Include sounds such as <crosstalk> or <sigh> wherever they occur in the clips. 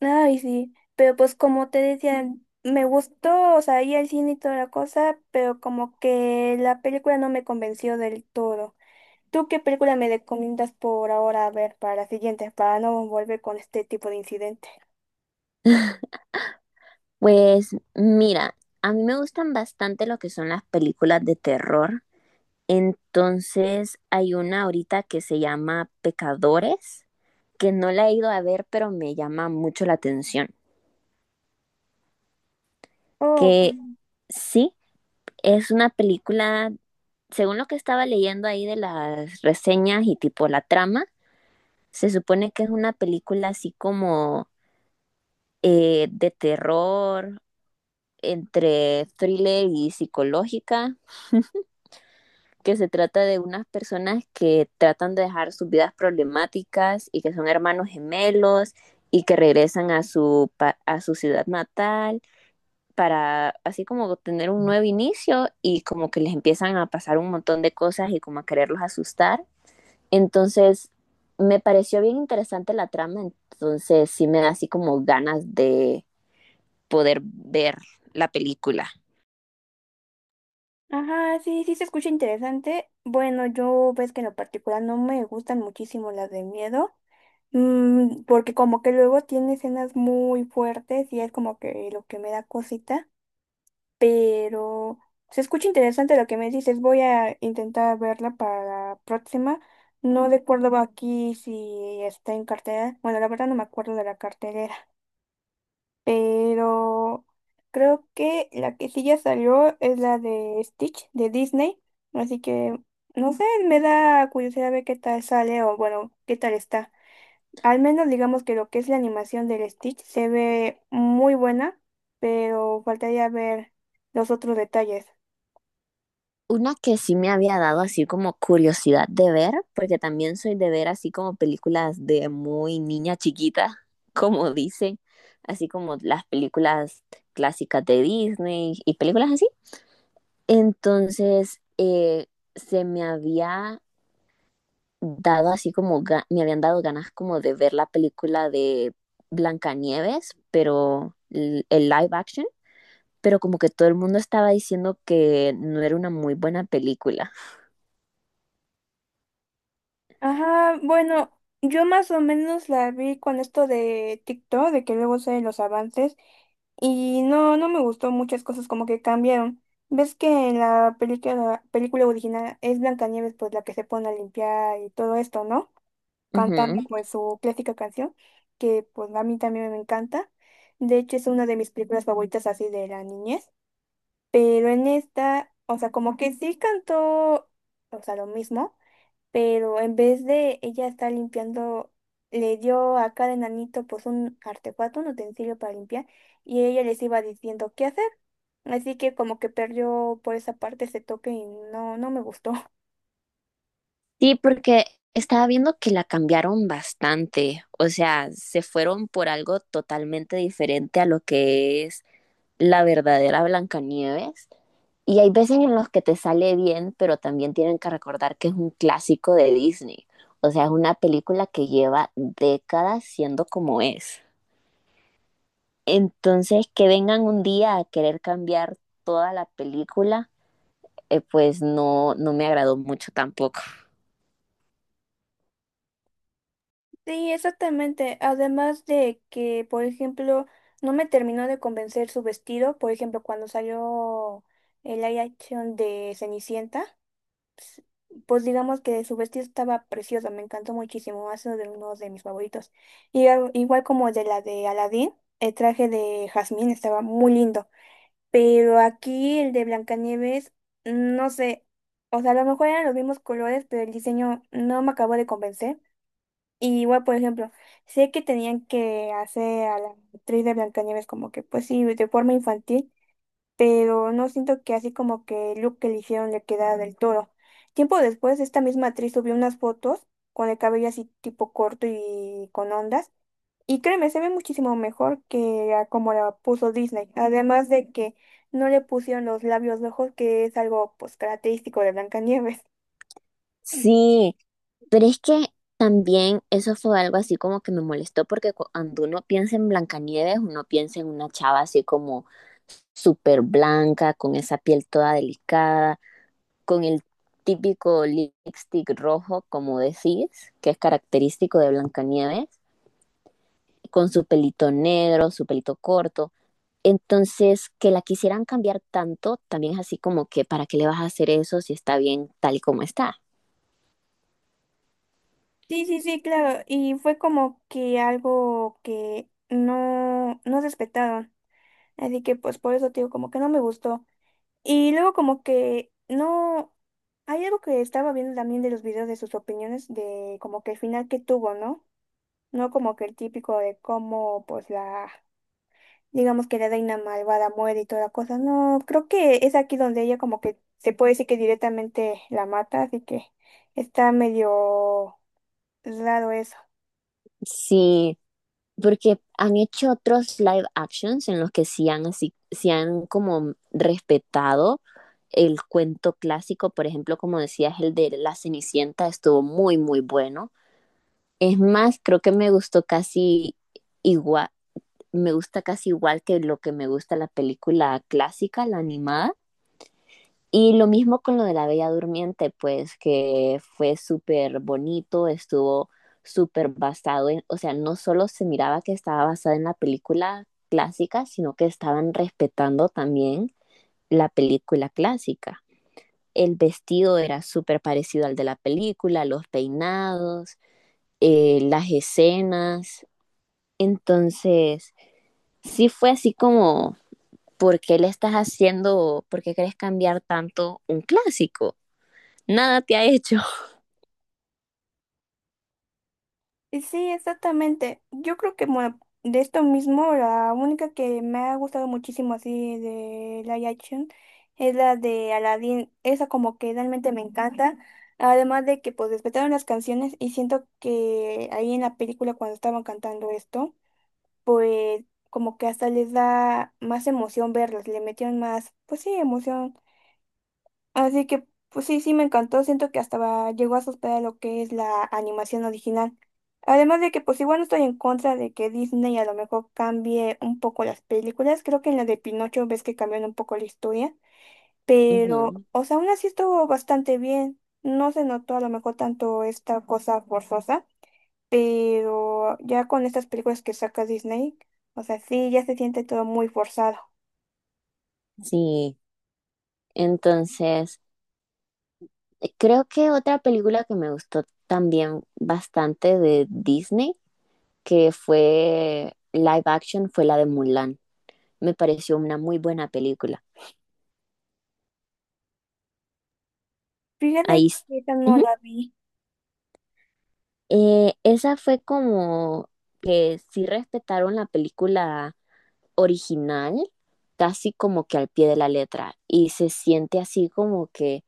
Ay, sí, pero pues como te decía, me gustó, o sea, ir al cine y toda la cosa, pero como que la película no me convenció del todo. ¿Tú qué película me recomiendas por ahora ver para la siguiente, para no volver con este tipo de incidente? Pues mira, a mí me gustan bastante lo que son las películas de terror. Entonces hay una ahorita que se llama Pecadores, que no la he ido a ver, pero me llama mucho la atención. Oh, Que mm, sí, es una película, según lo que estaba leyendo ahí de las reseñas y tipo la trama, se supone que es una película así como de terror, entre thriller y psicológica, que se trata de unas personas que tratan de dejar sus vidas problemáticas y que son hermanos gemelos y que regresan a a su ciudad natal para así como tener un nuevo inicio y como que les empiezan a pasar un montón de cosas y como a quererlos asustar. Entonces, me pareció bien interesante la trama, entonces sí me da así como ganas de poder ver la película. ajá, sí, sí se escucha interesante. Bueno, yo ves que en lo particular no me gustan muchísimo las de miedo, porque como que luego tiene escenas muy fuertes y es como que lo que me da cosita. Pero se escucha interesante lo que me dices. Voy a intentar verla para la próxima. No recuerdo aquí si está en cartelera. Bueno, la verdad no me acuerdo de la cartelera, pero creo que la que sí ya salió es la de Stitch de Disney. Así que no sé, me da curiosidad ver qué tal sale o bueno, qué tal está. Al menos digamos que lo que es la animación del Stitch se ve muy buena, pero faltaría ver los otros detalles. Una que sí me había dado así como curiosidad de ver, porque también soy de ver así como películas de muy niña chiquita, <laughs> como dicen, así como las películas clásicas de Disney y películas así. Entonces, se me había dado así como, me habían dado ganas como de ver la película de Blancanieves, pero el live action, pero como que todo el mundo estaba diciendo que no era una muy buena película. Ajá, bueno, yo más o menos la vi con esto de TikTok, de que luego salen los avances, y no, no me gustó muchas cosas como que cambiaron. ¿Ves que en la película, película original es Blancanieves pues la que se pone a limpiar y todo esto, no? Cantando Ujú. pues su clásica canción, que pues a mí también me encanta. De hecho es una de mis películas favoritas así de la niñez, pero en esta, o sea, como que sí cantó, o sea, lo mismo pero en vez de ella estar limpiando, le dio a cada enanito pues un artefacto, un utensilio para limpiar, y ella les iba diciendo qué hacer. Así que como que perdió por esa parte ese toque y no, no me gustó. <laughs> Sí, porque estaba viendo que la cambiaron bastante, o sea, se fueron por algo totalmente diferente a lo que es la verdadera Blancanieves. Y hay veces en los que te sale bien, pero también tienen que recordar que es un clásico de Disney. O sea, es una película que lleva décadas siendo como es. Entonces, que vengan un día a querer cambiar toda la película, pues no, no me agradó mucho tampoco. Sí, exactamente. Además de que, por ejemplo, no me terminó de convencer su vestido, por ejemplo, cuando salió el live action de Cenicienta. Pues digamos que su vestido estaba precioso, me encantó muchísimo, ha sido de uno de mis favoritos. Y igual como de la de Aladdin, el traje de Jazmín estaba muy lindo, pero aquí el de Blancanieves, no sé, o sea, a lo mejor eran los mismos colores, pero el diseño no me acabó de convencer. Y igual, por ejemplo, sé que tenían que hacer a la actriz de Blancanieves como que, pues sí, de forma infantil, pero no siento que así como que el look que le hicieron le quedara del todo. Tiempo después, esta misma actriz subió unas fotos con el cabello así tipo corto y con ondas, y créeme, se ve muchísimo mejor que a como la puso Disney, además de que no le pusieron los labios rojos, que es algo pues característico de Blancanieves. Sí, pero es que también eso fue algo así como que me molestó porque cuando uno piensa en Blancanieves, uno piensa en una chava así como súper blanca, con esa piel toda delicada, con el típico lipstick rojo, como decís, que es característico de Blancanieves, con su pelito negro, su pelito corto. Entonces, que la quisieran cambiar tanto, también es así como que, ¿para qué le vas a hacer eso si está bien tal y como está? Sí, sí, sí, claro, y fue como que algo que no, no respetaron, así que pues por eso te digo, como que no me gustó. Y luego como que no, hay algo que estaba viendo también de los videos de sus opiniones, de como que el final que tuvo, ¿no? No como que el típico de cómo pues la, digamos que la reina malvada muere y toda la cosa, no, creo que es aquí donde ella como que se puede decir que directamente la mata, así que está medio raro. Sí, porque han hecho otros live actions en los que sí han, así, sí han como respetado el cuento clásico, por ejemplo, como decías, el de La Cenicienta estuvo muy, muy bueno. Es más, creo que me gustó casi igual, me gusta casi igual que lo que me gusta la película clásica, la animada. Y lo mismo con lo de la Bella Durmiente, pues que fue súper bonito, estuvo súper basado en, o sea, no solo se miraba que estaba basada en la película clásica, sino que estaban respetando también la película clásica. El vestido era súper parecido al de la película, los peinados, las escenas. Entonces, sí fue así como, ¿por qué le estás haciendo, por qué querés cambiar tanto un clásico? Nada te ha hecho. Y sí, exactamente. Yo creo que bueno, de esto mismo, la única que me ha gustado muchísimo así de live action es la de Aladdin. Esa como que realmente me encanta. Además de que pues respetaron las canciones y siento que ahí en la película cuando estaban cantando esto, pues como que hasta les da más emoción verlas, le metieron más, pues sí, emoción. Así que pues sí, sí me encantó. Siento que hasta llegó a superar lo que es la animación original. Además de que pues igual no estoy en contra de que Disney a lo mejor cambie un poco las películas. Creo que en la de Pinocho ves que cambiaron un poco la historia. <laughs> Pero, Ujú. o sea, aún así estuvo bastante bien. No se notó a lo mejor tanto esta cosa forzosa. Pero ya con estas películas que saca Disney, o sea, sí, ya se siente todo muy forzado. Sí, entonces creo que otra película que me gustó también bastante de Disney, que fue live action, fue la de Mulan. Me pareció una muy buena película. Fíjate Ahí s- que esa no Ujú. la vi. Esa fue como que sí respetaron la película original, casi como que al pie de la letra, y se siente así como que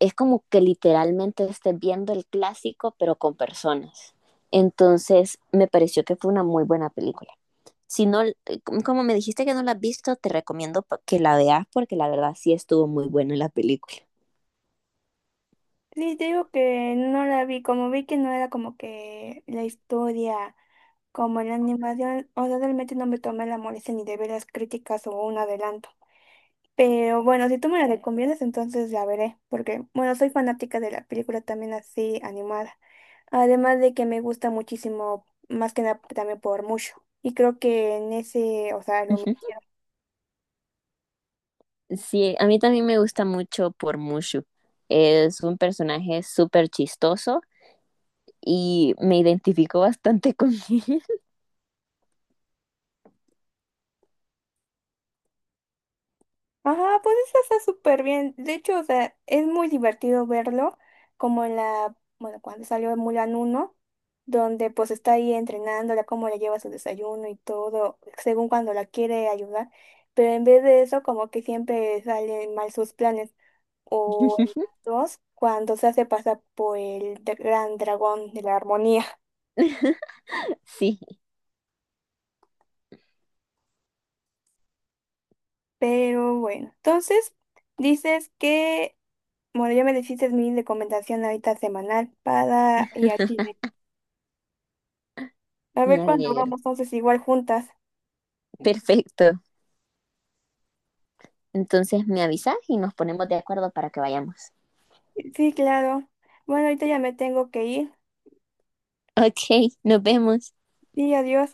es como que literalmente estés viendo el clásico, pero con personas. Entonces, me pareció que fue una muy buena película. Si no, como me dijiste que no la has visto, te recomiendo que la veas porque la verdad sí estuvo muy buena la película. Sí, te digo que no la vi, como vi que no era como que la historia, como en la animación, o sea, realmente no me tomé la molestia ni de ver las críticas o un adelanto. Pero bueno, si tú me la recomiendas, entonces la veré, porque bueno, soy fanática de la película también así animada. Además de que me gusta muchísimo, más que nada también por mucho. Y creo que en ese, o sea, lo Ujú. Sí, a mí también me gusta mucho por Mushu. Es un personaje súper chistoso y me identifico bastante con él. ajá, pues eso está súper bien. De hecho, o sea, es muy divertido verlo, como en la, bueno, cuando salió Mulan uno donde pues está ahí entrenándola, cómo le lleva su desayuno y todo, según cuando la quiere ayudar. Pero en vez de eso, como que siempre salen mal sus planes. O en <laughs> la 2, cuando se hace pasar por el gran dragón de la armonía. <laughs> Sí, Pero bueno, entonces dices que bueno, ya me dijiste mi recomendación ahorita semanal para ir al cine. A me ver cuándo alegro. vamos entonces igual juntas. Perfecto. Entonces me avisas y nos ponemos de acuerdo para que vayamos. Sí, claro. Bueno, ahorita ya me tengo que ir. Ok, nos vemos. Sí, adiós.